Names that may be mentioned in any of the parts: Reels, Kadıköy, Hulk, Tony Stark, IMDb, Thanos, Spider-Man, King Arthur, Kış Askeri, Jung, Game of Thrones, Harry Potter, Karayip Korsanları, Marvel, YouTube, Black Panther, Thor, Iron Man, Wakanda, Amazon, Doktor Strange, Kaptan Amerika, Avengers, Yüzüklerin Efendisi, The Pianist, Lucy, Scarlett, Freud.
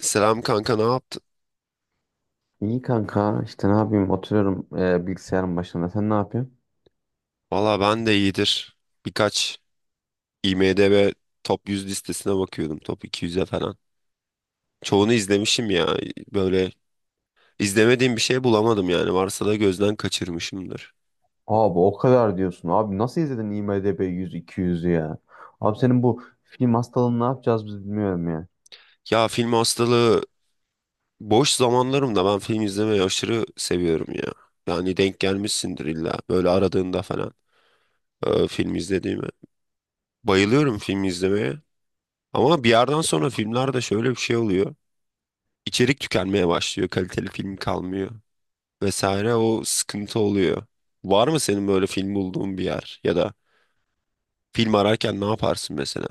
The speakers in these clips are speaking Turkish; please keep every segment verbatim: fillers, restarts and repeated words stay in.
Selam kanka, ne yaptın? İyi kanka işte ne yapayım oturuyorum e, bilgisayarın başında sen ne yapıyorsun? Valla ben de iyidir. Birkaç IMDb Top yüz listesine bakıyordum. Top iki yüz'e falan. Çoğunu izlemişim ya. Böyle izlemediğim bir şey bulamadım yani. Varsa da gözden kaçırmışımdır. Abi o kadar diyorsun abi nasıl izledin IMDb yüz iki yüzü ya? Abi senin bu film hastalığını ne yapacağız biz bilmiyorum ya. Ya film hastalığı, boş zamanlarımda ben film izlemeyi aşırı seviyorum ya. Yani denk gelmişsindir illa. Böyle aradığında falan e, film izlediğimi. Bayılıyorum film izlemeye. Ama bir yerden sonra filmlerde şöyle bir şey oluyor. İçerik tükenmeye başlıyor. Kaliteli film kalmıyor. Vesaire, o sıkıntı oluyor. Var mı senin böyle film bulduğun bir yer ya da film ararken ne yaparsın mesela?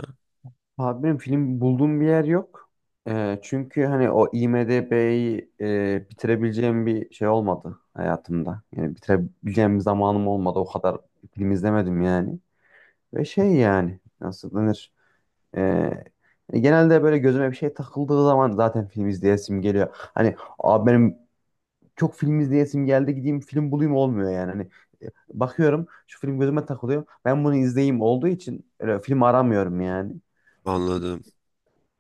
Abi benim film bulduğum bir yer yok. E, çünkü hani o IMDb'yi e, bitirebileceğim bir şey olmadı hayatımda. Yani bitirebileceğim bir zamanım olmadı, o kadar film izlemedim yani. Ve şey yani nasıl denir? Ee, Genelde böyle gözüme bir şey takıldığı zaman zaten film izleyesim geliyor. Hani abi benim çok film izleyesim geldi, gideyim film bulayım olmuyor yani. Hani e, bakıyorum şu film gözüme takılıyor. Ben bunu izleyeyim olduğu için öyle film aramıyorum yani. Anladım.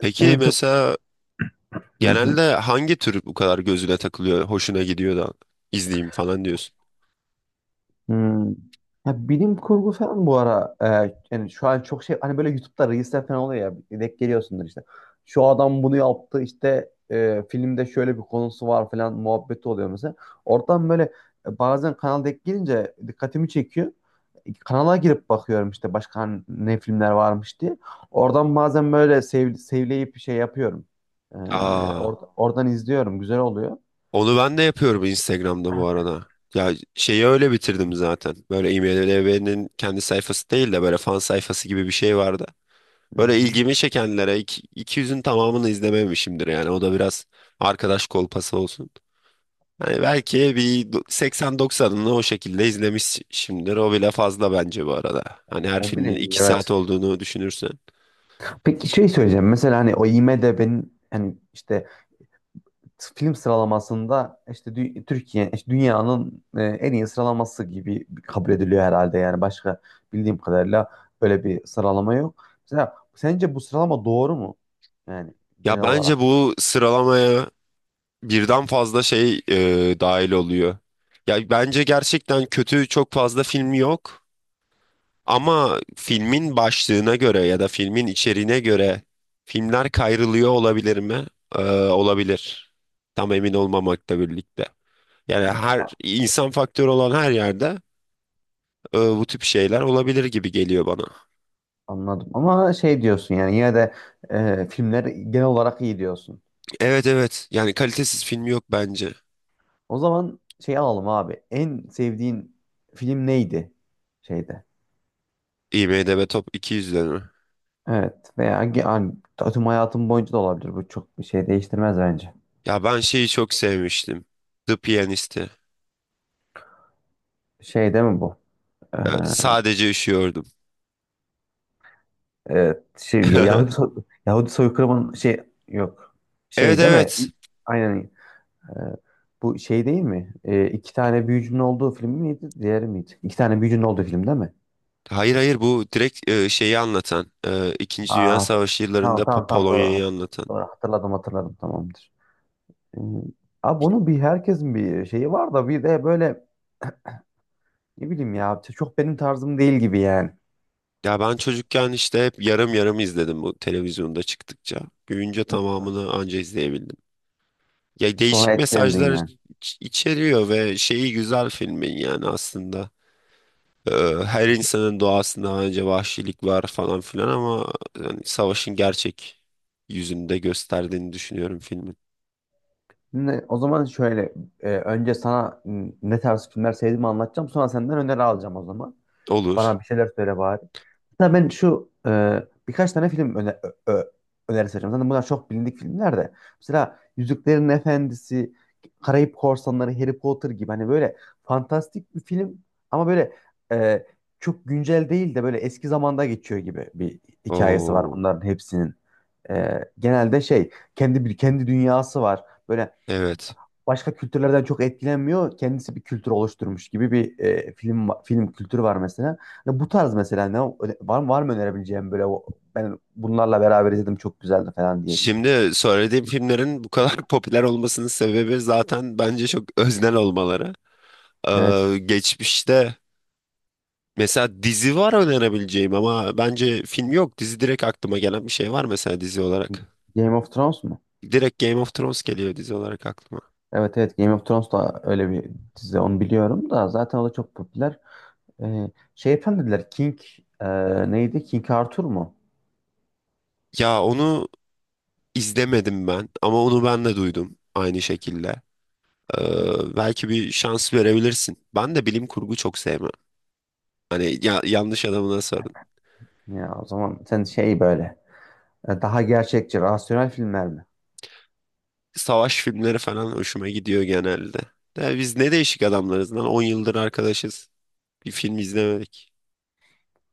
Peki Benim çok. mesela Hı hı. genelde hangi tür bu kadar gözüne takılıyor, hoşuna gidiyor da izleyeyim falan diyorsun? Hmm. Ya bilim kurgu falan bu ara, e, yani şu an çok şey, hani böyle YouTube'da Reels'ler falan oluyor ya, denk geliyorsundur işte. Şu adam bunu yaptı işte, e, filmde şöyle bir konusu var falan muhabbeti oluyor mesela. Oradan böyle e, bazen kanal denk gelince dikkatimi çekiyor. Kanala girip bakıyorum işte başka hani ne filmler varmış diye. Oradan bazen böyle sev, sevleyip şey yapıyorum. E, Aa, or- Oradan izliyorum, güzel oluyor. onu ben de yapıyorum Instagram'da bu arada. Ya şeyi öyle bitirdim zaten. Böyle IMDb'nin kendi sayfası değil de böyle fan sayfası gibi bir şey vardı. Hı Böyle hı. ilgimi çekenlere iki- 200'ün tamamını izlememişimdir yani. O da biraz arkadaş kolpası olsun. Hani belki bir do- seksen doksanını o şekilde izlemişimdir. O bile fazla bence bu arada. Hani her O filmin bile iyi, iki saat evet. olduğunu düşünürsen. Peki şey söyleyeceğim. Mesela hani o IMDb'nin hani işte film sıralamasında işte dü- Türkiye, işte dünyanın e, en iyi sıralaması gibi kabul ediliyor herhalde. Yani başka bildiğim kadarıyla böyle bir sıralama yok. Mesela sence bu sıralama doğru mu? Yani Ya genel olarak. bence bu sıralamaya birden fazla şey e, dahil oluyor. Ya bence gerçekten kötü çok fazla film yok. Ama filmin başlığına göre ya da filmin içeriğine göre filmler kayrılıyor olabilir mi? Ee, olabilir. Tam emin olmamakla birlikte. Yani her insan faktörü olan her yerde e, bu tip şeyler olabilir gibi geliyor bana. Anladım. Ama şey diyorsun yani, yine de e, filmler genel olarak iyi diyorsun. Evet, evet. Yani kalitesiz film yok bence. O zaman şey alalım abi. En sevdiğin film neydi şeyde? IMDb Top iki yüzde mi? Evet veya ge- yani, tüm hayatım boyunca da olabilir. Bu çok bir şey değiştirmez bence. Ya ben şeyi çok sevmiştim. The Pianist'i. Şey değil mi bu? Ee, E, Sadece üşüyordum. evet, şey, Ya- Yahudi, so- Yahudi soykırımın şey, yok. Evet, Şey değil mi? evet. İ- Aynen. Ee, Bu şey değil mi? Ee, iki tane büyücünün olduğu film miydi? Diğeri miydi? İki tane büyücünün olduğu film değil mi? Hayır, hayır, bu direkt e, şeyi anlatan. e, İkinci Dünya Aa, Savaşı yıllarında tamam Po- tamam tamam, doğru. hat- Polonya'yı anlatan. Doğru, hatırladım hatırladım, tamamdır. Ee, Abi bunun bir herkesin bir şeyi var da bir de böyle, ne bileyim ya, çok benim tarzım değil gibi yani. Ya ben çocukken işte hep yarım yarım izledim bu televizyonda çıktıkça. Büyüyünce Hı hı. tamamını anca izleyebildim. Ya Sonra değişik etkilendin mesajlar yani. iç- içeriyor ve şeyi güzel filmin yani aslında. Ee, Her insanın doğasında bence vahşilik var falan filan ama yani savaşın gerçek yüzünde gösterdiğini düşünüyorum filmin. Ne- o zaman şöyle, e, önce sana n- ne tarz filmler sevdiğimi anlatacağım. Sonra senden öneri alacağım o zaman. Olur. Bana bir şeyler söyle bari. Hatta ben şu e, birkaç tane film öne, ö, ö- önerisi vereceğim. Zaten bunlar çok bilindik filmler de. Mesela Yüzüklerin Efendisi, Karayip Korsanları, Harry Potter gibi, hani böyle fantastik bir film ama böyle e, çok güncel değil de böyle eski zamanda geçiyor gibi bir hikayesi var Oo, bunların hepsinin. Ee, genelde şey kendi bir kendi dünyası var. Böyle evet. başka kültürlerden çok etkilenmiyor. Kendisi bir kültür oluşturmuş gibi bir e, film va- film kültürü var mesela. Hani bu tarz mesela ne, öne- var mı var mı önerebileceğim, böyle o- ben bunlarla beraber izledim çok güzeldi falan diyebileceğim. Şimdi söylediğim filmlerin bu kadar popüler olmasının sebebi zaten bence çok öznel olmaları. Evet. Ee, geçmişte mesela dizi var önerebileceğim ama bence film yok. Dizi direkt aklıma gelen bir şey var mesela dizi olarak. Game of Thrones mu? Direkt Game of Thrones geliyor dizi olarak aklıma. Evet, evet, Game of Thrones da öyle bir dizi, onu biliyorum da zaten o da çok popüler. Ee, şey efendim dediler, King, e, neydi? King Arthur mu? Ya onu izlemedim ben ama onu ben de duydum aynı şekilde. Ay. Ee, belki bir şans verebilirsin. Ben de bilim kurgu çok sevmem. Hani ya- yanlış adamına sorun. Ya o zaman sen şey böyle, E, daha gerçekçi, rasyonel filmler mi? Savaş filmleri falan hoşuma gidiyor genelde. De biz ne değişik adamlarız lan, on yıldır arkadaşız. Bir film izlemedik.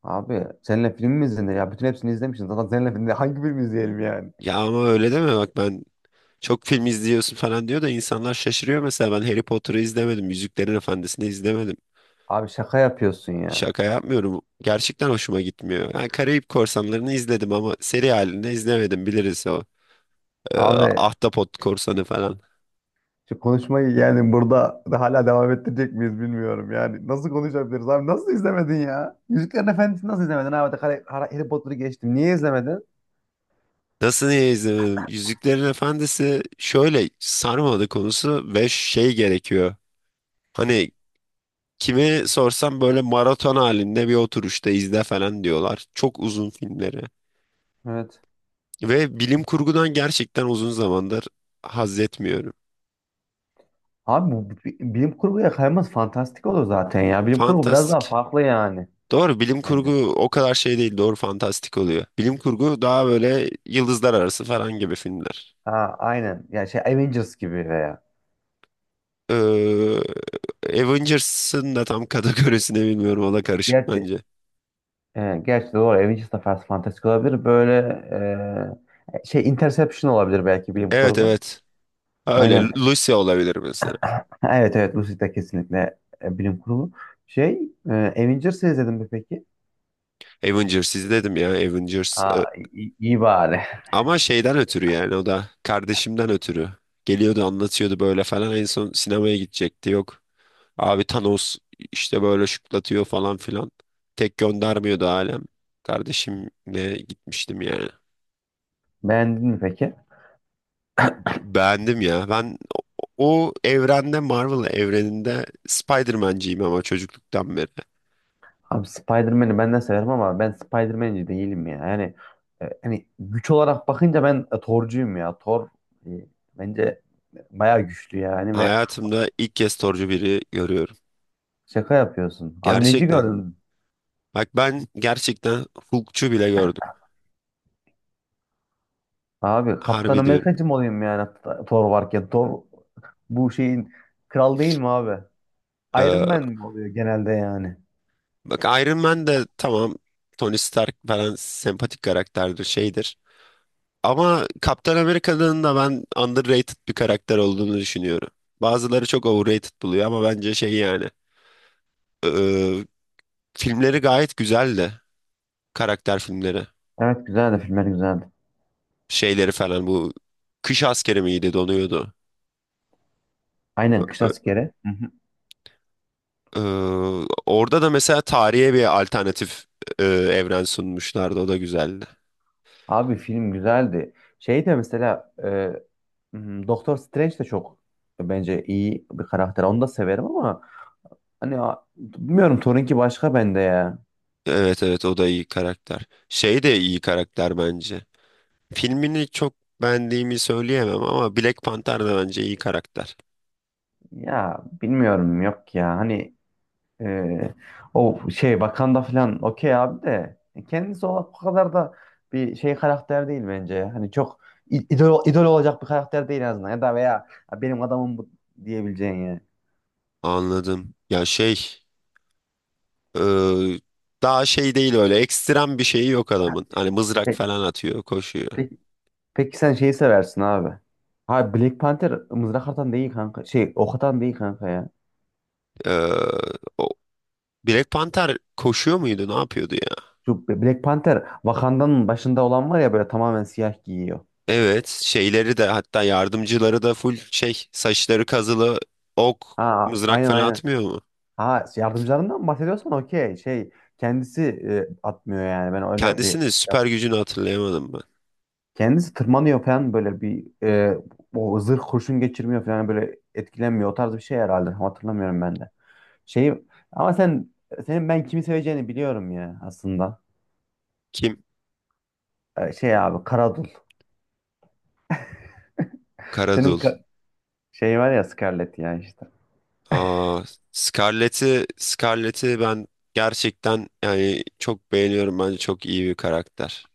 Abi seninle film mi izlenir ya? Bütün hepsini izlemişsin. Zaten seninle filmde hangi film izleyelim yani? Ya ama öyle deme, bak ben çok film izliyorsun falan diyor da insanlar şaşırıyor, mesela ben Harry Potter'ı izlemedim. Yüzüklerin Efendisi'ni izlemedim. Abi şaka yapıyorsun ya. Şaka yapmıyorum. Gerçekten hoşuma gitmiyor. Yani Karayip Korsanları'nı izledim ama seri halinde izlemedim, biliriz o. Ee, Abi Ahtapot Korsanı falan. şu konuşmayı yani burada da hala devam ettirecek miyiz bilmiyorum yani. Nasıl konuşabiliriz abi? Nasıl izlemedin ya? Yüzüklerin Efendisi'ni nasıl izlemedin abi? Harry, Harry Potter'ı geçtim. Niye izlemedin? Nasıl niye izlemedim? Yüzüklerin Efendisi şöyle sarmadı konusu ve şey gerekiyor. Hani kime sorsam böyle maraton halinde bir oturuşta izle falan diyorlar. Çok uzun filmleri. Evet. Ve bilim kurgudan gerçekten uzun zamandır haz etmiyorum. Abi bu bi- bilim kurguya kayması fantastik olur zaten ya. Bilim kurgu biraz daha Fantastik. farklı yani. Doğru, bilim kurgu Bence. o kadar şey değil, doğru, fantastik oluyor. Bilim kurgu daha böyle yıldızlar arası falan gibi filmler. Ha aynen. Yani şey Avengers gibi veya. Ee, Avengers'ın da tam kategorisini bilmiyorum, o da karışık Gerçi bence. E, gerçi doğru, Avengers da Fast Fantastic olabilir. Böyle e, şey Interception olabilir belki, bilim Evet, kurgu. evet, öyle Aynen. Lucy olabilir mesela. Evet, evet, Lucid de kesinlikle e, bilim kurgu. Şey, e, Avengers'ı izledin mi peki? Avengers izledim ya, Avengers. Ee, Aa, iyi, iyi bari. Ama şeyden ötürü, yani o da kardeşimden ötürü. Geliyordu anlatıyordu böyle falan, en son sinemaya gidecekti yok. Abi Thanos işte böyle şıklatıyor falan filan. Tek göndermiyordu alem. Kardeşimle gitmiştim yani. Beğendin mi peki? Beğendim ya. Ben o o evrende, Marvel evreninde Spider-Man'ciyim ama çocukluktan beri. Abi Spider-Man'i ben de severim ama ben Spider-Man'ci değilim ya. Yani e, hani güç olarak bakınca ben e, Thor'cuyum ya. Thor e, bence bayağı güçlü yani, ve Hayatımda ilk kez Thor'cu biri görüyorum. şaka yapıyorsun. Abi neci Gerçekten. gördün? Bak ben gerçekten Hulk'çu bile gördüm. Abi Kaptan Harbi diyorum. Amerikacı mı olayım yani T- Thor varken? Thor bu şeyin kral değil mi abi? Iron Ee, Man mi oluyor genelde yani? Bak Iron Man de tamam, Tony Stark falan sempatik karakterdir, şeydir. Ama Kaptan Amerika'nın da ben underrated bir karakter olduğunu düşünüyorum. Bazıları çok overrated buluyor ama bence şey yani. e, e, Filmleri gayet güzeldi. Karakter filmleri. Evet, güzeldi, filmler güzeldi. Şeyleri falan bu. Kış askeri miydi, donuyordu. Aynen, Kış E, Askeri. Hı hı. e, Orada da mesela tarihe bir alternatif e, evren sunmuşlardı. O da güzeldi. Abi film güzeldi. Şey de mesela, e, Hmm, Doktor Strange de çok bence iyi bir karakter. Onu da severim ama hani a- bilmiyorum, Thor'unki başka bende ya. Evet, evet, o da iyi karakter. Şey de iyi karakter bence. Filmini çok beğendiğimi söyleyemem ama Black Panther da bence iyi karakter. Ya bilmiyorum, yok ya. Hani, Ee, o şey Wakanda falan, okey abi, de e, kendisi o o kadar da bir şey karakter değil bence. Hani çok i- idol, idol olacak bir karakter değil en azından, ya da veya "Ya benim adamım bu" diyebileceğin yani. Anladım. Ya şey e, daha şey değil, öyle ekstrem bir şeyi yok adamın. Hani mızrak Pe- falan atıyor, koşuyor. pe- peki sen şeyi seversin abi. Ha, Black Panther mızrak atan değil kanka. Şey, ok atan değil kanka ya. E, O Black Panther koşuyor muydu, ne yapıyordu ya? Şu Black Panther, Wakanda'nın başında olan var ya, böyle tamamen siyah giyiyor. Evet, şeyleri de, hatta yardımcıları da full şey, saçları kazılı, ok, Ha mızrak aynen falan aynen. atmıyor mu? Ha şey, yardımcılarından mı bahsediyorsan okey. Şey kendisi e, atmıyor yani. Ben öyle bir Kendisinin süper yap- gücünü hatırlayamadım ben. kendisi tırmanıyor falan, böyle bir e, o zırh kurşun geçirmiyor falan, böyle etkilenmiyor. O tarz bir şey herhalde. Tam hatırlamıyorum ben de. Şey ama sen senin ben kimi seveceğini biliyorum ya aslında. Kim? E, şey abi, Karadul. Senin Karadul. ka- şey var ya, Scarlett ya işte. Aa, Scarlett'i Scarlett'i ben gerçekten yani çok beğeniyorum. Bence çok iyi bir karakter.